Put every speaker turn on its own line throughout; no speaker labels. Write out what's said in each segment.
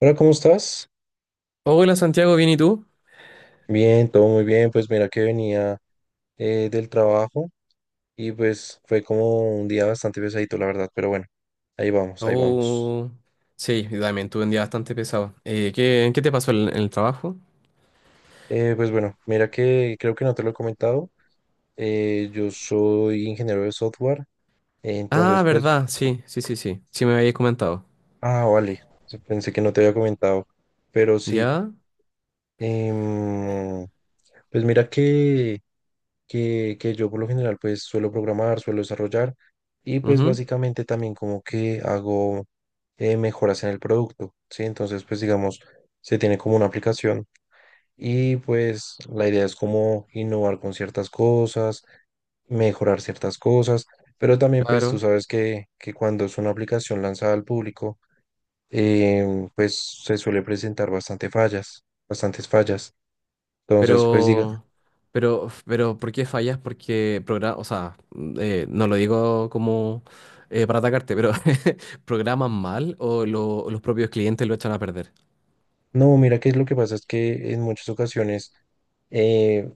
Hola, ¿cómo estás?
Hola Santiago, ¿bien y tú?
Bien, todo muy bien. Pues mira que venía del trabajo y pues fue como un día bastante pesadito, la verdad, pero bueno, ahí vamos, ahí vamos.
Oh, sí, yo también tuve un día bastante pesado. ¿Qué te pasó en el trabajo?
Pues bueno, mira que creo que no te lo he comentado. Yo soy ingeniero de software,
Ah,
entonces pues,
verdad, sí, sí, sí, sí. Sí me habías comentado.
ah, vale, pensé que no te había comentado, pero sí.
¿Ya?
em, pues mira que que yo por lo general pues suelo programar, suelo desarrollar y pues
Ujú,
básicamente también como que hago mejoras en el producto, ¿sí? Entonces pues digamos, se tiene como una aplicación y pues la idea es como innovar con ciertas cosas, mejorar ciertas cosas, pero también pues tú
claro.
sabes que cuando es una aplicación lanzada al público, pues se suele presentar bastante fallas, bastantes fallas. Entonces pues digamos
Pero, ¿Por qué fallas? Porque programa, o sea, no lo digo como para atacarte, pero ¿programan mal o los propios clientes lo echan a perder?
no, mira que lo que pasa es que en muchas ocasiones eh,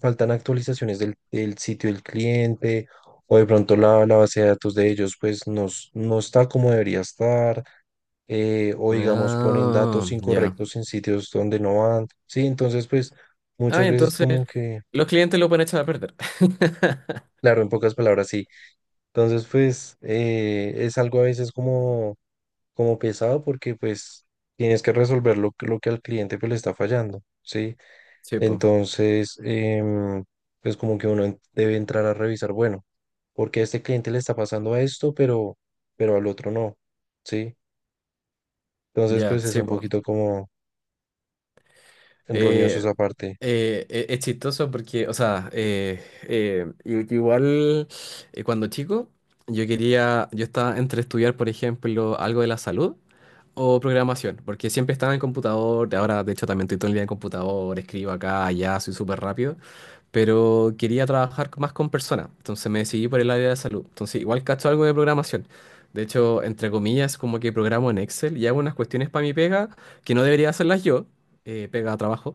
faltan actualizaciones del sitio del cliente o de pronto la base de datos de ellos pues no, no está como debería estar, o digamos ponen
Ah,
datos
ya.
incorrectos en sitios donde no van. Sí, entonces pues
Ah,
muchas veces
entonces
como que,
los clientes lo pueden echar a perder.
claro, en pocas palabras sí. Entonces pues es algo a veces como, como pesado porque pues tienes que resolver lo, lo que al cliente pues le está fallando. Sí.
Sí, pues.
Entonces, pues como que uno debe entrar a revisar, bueno, porque a este cliente le está pasando a esto, pero al otro no, ¿sí? Entonces,
Ya,
pues es
sí,
un
pues.
poquito como enroñoso
Eh,
esa parte.
es chistoso porque, o sea, igual cuando chico, yo estaba entre estudiar, por ejemplo, algo de la salud o programación, porque siempre estaba en computador, ahora de hecho también estoy todo el día en computador, escribo acá, allá, soy súper rápido. Pero quería trabajar más con personas, entonces me decidí por el área de salud. Entonces igual cacho algo de programación. De hecho, entre comillas, como que programo en Excel y hago unas cuestiones para mi pega, que no debería hacerlas yo. Pega a trabajo.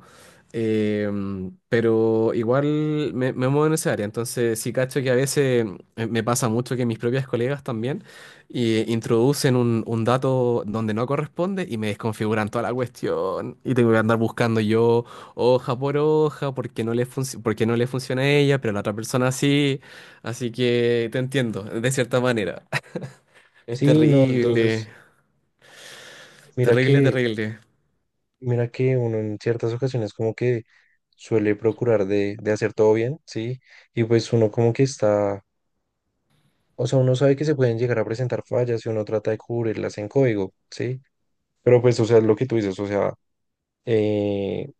Pero igual me muevo en esa área. Entonces sí cacho que a veces me pasa mucho que mis propias colegas también introducen un dato donde no corresponde y me desconfiguran toda la cuestión y tengo que andar buscando yo hoja por hoja porque porque no le funciona a ella, pero a la otra persona sí. Así que te entiendo, de cierta manera. Es
Sí, no,
terrible,
entonces, mira
terrible,
que,
terrible.
mira que uno en ciertas ocasiones como que suele procurar de hacer todo bien, ¿sí? Y pues uno como que está, o sea, uno sabe que se pueden llegar a presentar fallas y uno trata de cubrirlas en código, ¿sí? Pero pues, o sea, es lo que tú dices, o sea, eh,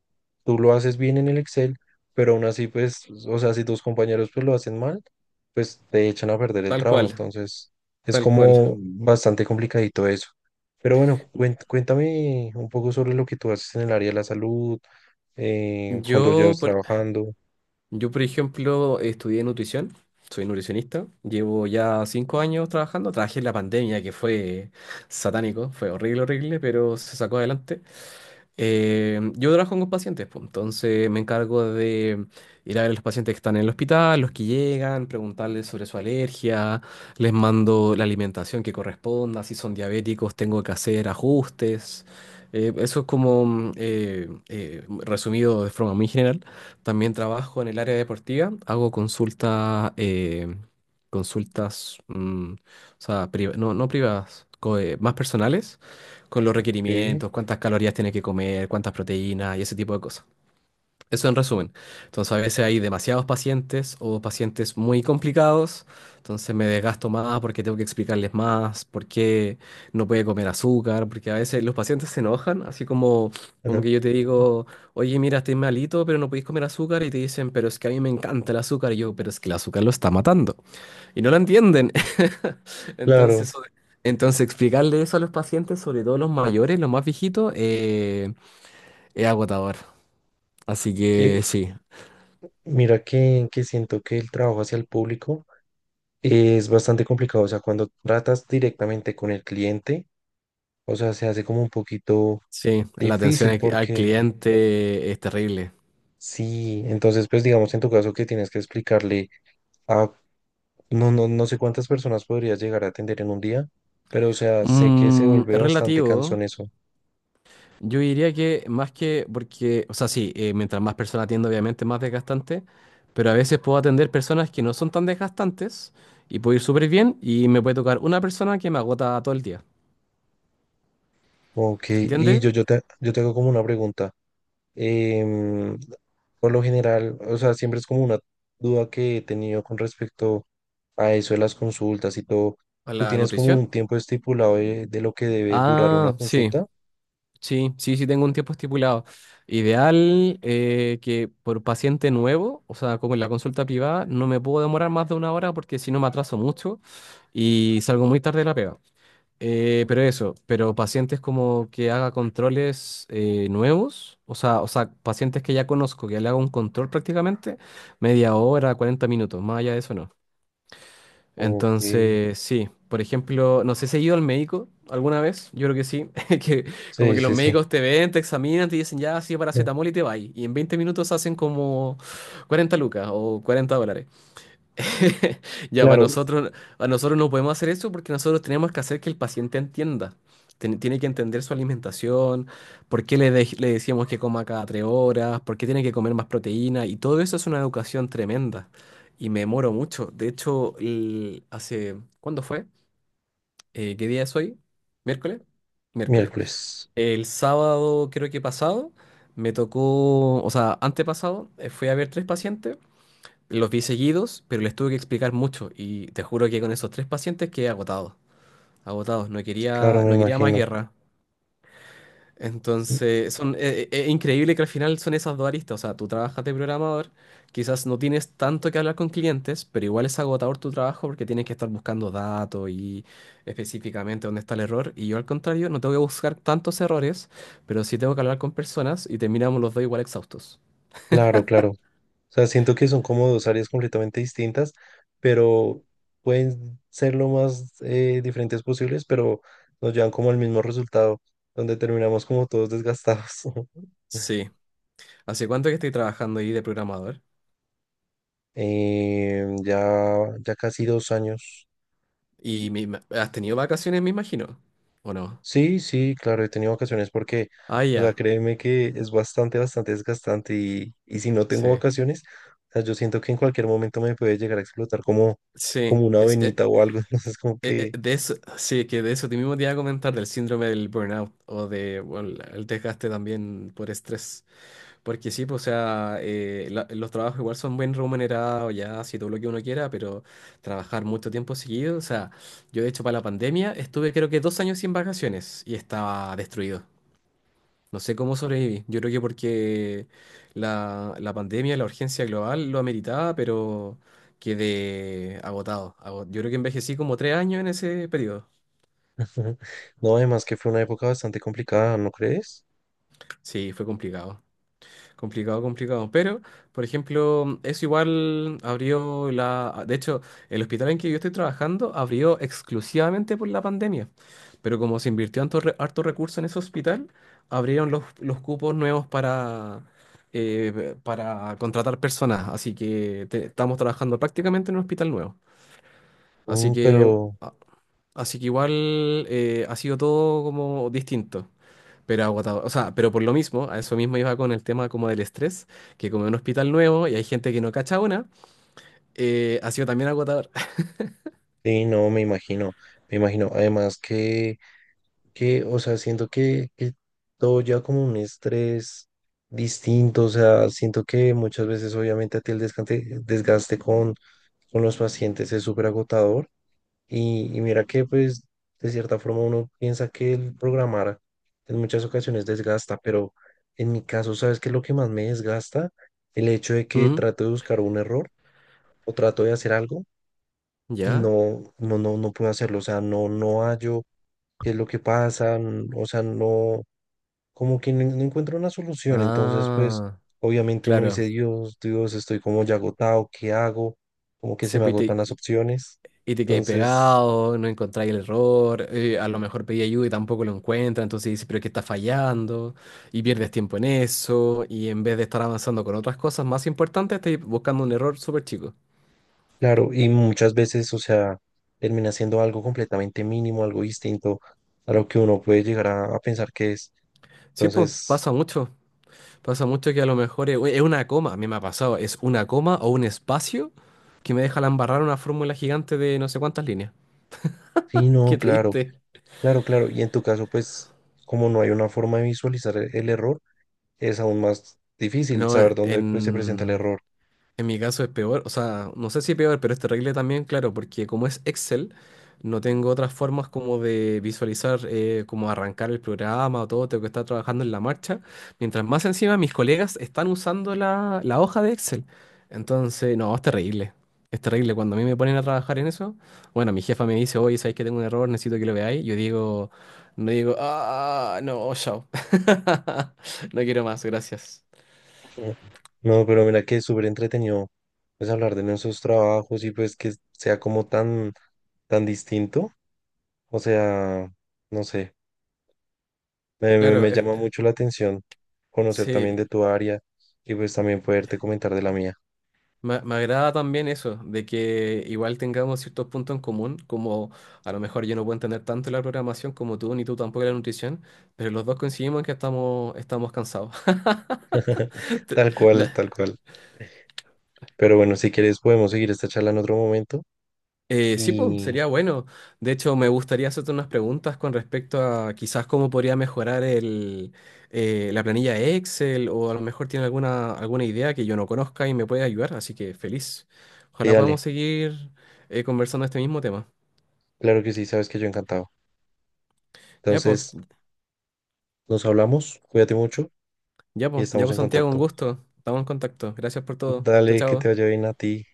tú lo haces bien en el Excel, pero aún así, pues, o sea, si tus compañeros pues lo hacen mal, pues te echan a perder el
Tal
trabajo.
cual,
Entonces, es
tal cual.
como bastante complicadito eso. Pero bueno, cuéntame un poco sobre lo que tú haces en el área de la salud, cuando
Yo,
llevas
por,
trabajando.
yo, por ejemplo, estudié nutrición. Soy nutricionista, llevo ya 5 años trabajando, trabajé en la pandemia que fue satánico, fue horrible, horrible, pero se sacó adelante. Yo trabajo con pacientes, pues, entonces me encargo de ir a ver a los pacientes que están en el hospital, los que llegan, preguntarles sobre su alergia, les mando la alimentación que corresponda, si son diabéticos tengo que hacer ajustes. Eso es como resumido de forma muy general. También trabajo en el área deportiva, hago consultas, o sea, no, no privadas, más personales con los
¿Sí?
requerimientos, cuántas calorías tiene que comer, cuántas proteínas y ese tipo de cosas. Eso en resumen. Entonces a veces hay demasiados pacientes o pacientes muy complicados, entonces me desgasto más porque tengo que explicarles más por qué no puede comer azúcar, porque a veces los pacientes se enojan, así como, como
Ajá.
que yo te digo, oye, mira, estoy malito, pero no podéis comer azúcar, y te dicen, pero es que a mí me encanta el azúcar, y yo, pero es que el azúcar lo está matando, y no lo entienden. Entonces,
Claro,
sobre- entonces, explicarle eso a los pacientes, sobre todo los mayores, los más viejitos, es agotador. Así
que
que sí,
mira que siento que el trabajo hacia el público es bastante complicado. O sea, cuando tratas directamente con el cliente, o sea, se hace como un poquito
sí, la atención
difícil
al
porque
cliente es terrible.
sí, entonces pues digamos en tu caso que tienes que explicarle a no, no, no sé cuántas personas podrías llegar a atender en un día, pero o sea, sé que se vuelve
Es
bastante
relativo.
cansón eso.
Yo diría que más que, porque, o sea, sí, mientras más personas atiendo, obviamente más desgastante, pero a veces puedo atender personas que no son tan desgastantes, y puedo ir súper bien y me puede tocar una persona que me agota todo el día.
Ok,
¿Se
y
entiende?
yo te hago como una pregunta. Em, por lo general, o sea, siempre es como una duda que he tenido con respecto a eso de las consultas y todo.
A
¿Tú
la
tienes como
nutrición.
un tiempo estipulado de lo que debe durar una
Ah, sí,
consulta?
sí, sí, sí tengo un tiempo estipulado. Ideal, que por paciente nuevo, o sea, como en la consulta privada, no me puedo demorar más de una hora porque si no me atraso mucho y salgo muy tarde de la pega. Pero pacientes como que haga controles nuevos, o sea, pacientes que ya conozco, que le haga un control prácticamente, media hora, 40 minutos, más allá de eso no.
Ok,
Entonces, sí, por ejemplo, no sé si has ido al médico alguna vez, yo creo que sí, que como
sí,
que los
sí, sí.
médicos te ven, te examinan, te dicen ya, sí,
Mm.
paracetamol y te vas. Y en 20 minutos hacen como 40 lucas o $40. Ya, para
Claro.
nosotros, a nosotros no podemos hacer eso porque nosotros tenemos que hacer que el paciente entienda. Tiene que entender su alimentación, por qué le decíamos que coma cada 3 horas, por qué tiene que comer más proteína, y todo eso es una educación tremenda. Y me demoro mucho. De hecho, hace, ¿cuándo fue? ¿Qué día es hoy? ¿Miércoles? Miércoles.
Miércoles.
El sábado, creo que pasado, me tocó, o sea, antepasado, fui a ver tres pacientes. Los vi seguidos, pero les tuve que explicar mucho, y te juro que con esos tres pacientes quedé agotado, agotado,
Claro, me
no quería más
imagino.
guerra. Entonces, es increíble que al final son esas dos aristas, o sea, tú trabajas de programador, quizás no tienes tanto que hablar con clientes, pero igual es agotador tu trabajo porque tienes que estar buscando datos y específicamente dónde está el error, y yo al contrario, no tengo que buscar tantos errores, pero sí tengo que hablar con personas, y terminamos los dos igual exhaustos.
Claro, claro. O sea, siento que son como dos áreas completamente distintas, pero pueden ser lo más diferentes posibles, pero nos llevan como al mismo resultado, donde terminamos como todos desgastados.
Sí. ¿Hace cuánto que estoy trabajando ahí de programador?
Ya, ya casi dos años.
Y has tenido vacaciones, me imagino, ¿o no?
Sí, sí, claro, he tenido vacaciones porque,
Ah,
o sea,
ya,
créeme que es bastante, bastante desgastante y si no tengo
sí.
vacaciones, o sea, yo siento que en cualquier momento me puede llegar a explotar como,
Sí,
como una
es, eh,
venita o algo, entonces como
eh,
que,
eh, de eso, sí, que de eso te mismo te iba a comentar, del síndrome del burnout o de, bueno, el desgaste también por estrés. Porque sí, pues, o sea, los trabajos igual son bien remunerados, ya, si todo lo que uno quiera, pero trabajar mucho tiempo seguido, o sea, yo de hecho para la pandemia estuve creo que 2 años sin vacaciones y estaba destruido. No sé cómo sobreviví. Yo creo que porque la pandemia, la urgencia global lo ameritaba, pero quedé agotado. Yo creo que envejecí como 3 años en ese periodo.
no, además que fue una época bastante complicada, ¿no crees?
Sí, fue complicado. Complicado, complicado. Pero, por ejemplo, eso igual abrió. De hecho, el hospital en que yo estoy trabajando abrió exclusivamente por la pandemia. Pero como se invirtió harto recurso en ese hospital, abrieron los cupos nuevos para contratar personas. Así que estamos trabajando prácticamente en un hospital nuevo. Así
Mm,
que,
pero,
a- Así que igual ha sido todo como distinto. Pero agotador, o sea, pero por lo mismo, a eso mismo iba con el tema como del estrés, que como es un hospital nuevo y hay gente que no cacha una, ha sido también agotador.
sí, no, me imagino, además que, o sea, siento que todo ya como un estrés distinto, o sea, siento que muchas veces obviamente a ti el desgaste, con los pacientes es súper agotador y mira que pues de cierta forma uno piensa que el programar en muchas ocasiones desgasta, pero en mi caso, ¿sabes qué es lo que más me desgasta? El hecho de que
Mm.
trato de buscar un error o trato de hacer algo y
¿Ya?
no puedo hacerlo, o sea, no hallo qué es lo que pasa, o sea, no, como que no encuentro una solución. Entonces, pues,
Ah,
obviamente uno dice,
claro.
Dios, Dios, estoy como ya agotado, ¿qué hago? Como que se me
Y
agotan
te,
las opciones.
y te quedáis
Entonces,
pegado, no encontráis el error, a lo mejor pedí ayuda y tampoco lo encuentra, entonces dices, pero es que está fallando, y pierdes tiempo en eso, y en vez de estar avanzando con otras cosas más importantes, estás buscando un error súper chico.
claro, y muchas veces, o sea, termina siendo algo completamente mínimo, algo distinto a lo que uno puede llegar a pensar que es.
Sí, pues,
Entonces,
pasa mucho. Pasa mucho que a lo mejor es una coma, a mí me ha pasado, es una coma o un espacio que me deja la embarrar una fórmula gigante de no sé cuántas líneas.
sí, no,
Qué
claro,
triste.
claro, claro. Y en tu caso, pues, como no hay una forma de visualizar el error, es aún más difícil
No,
saber dónde, pues, se presenta el
en,
error.
en mi caso es peor, o sea, no sé si es peor, pero es terrible también, claro, porque como es Excel, no tengo otras formas como de visualizar, como arrancar el programa o todo, tengo que estar trabajando en la marcha, mientras más encima mis colegas están usando la hoja de Excel. Entonces, no, es terrible, es terrible. Cuando a mí me ponen a trabajar en eso, bueno, mi jefa me dice, oye, ¿sabéis que tengo un error? Necesito que lo veáis. Yo digo, no, digo, ah, no, chao. No quiero más, gracias.
Mm. No, pero mira que es súper entretenido pues hablar de nuestros trabajos y pues que sea como tan, tan distinto. O sea, no sé,
Claro,
me llama mucho la atención conocer también
sí.
de tu área y pues también poderte comentar de la mía.
Me agrada también eso, de que igual tengamos ciertos puntos en común, como a lo mejor yo no puedo entender tanto la programación como tú, ni tú tampoco la nutrición, pero los dos coincidimos en que estamos cansados. Te-
Tal cual,
de-
tal cual. Pero bueno, si quieres podemos seguir esta charla en otro momento
sí, pues,
y
sería bueno. De hecho, me gustaría hacerte unas preguntas con respecto a quizás cómo podría mejorar la planilla Excel, o a lo mejor tiene alguna idea que yo no conozca y me puede ayudar, así que feliz.
sí,
Ojalá
dale,
podamos seguir conversando este mismo tema.
claro que sí, sabes que yo encantado.
Ya, pues.
Entonces, nos hablamos, cuídate mucho
Ya
y
pues, ya
estamos
pues
en
Santiago, un
contacto.
gusto. Estamos en contacto. Gracias por todo. Chao,
Dale, que te vaya
chao.
bien a ti.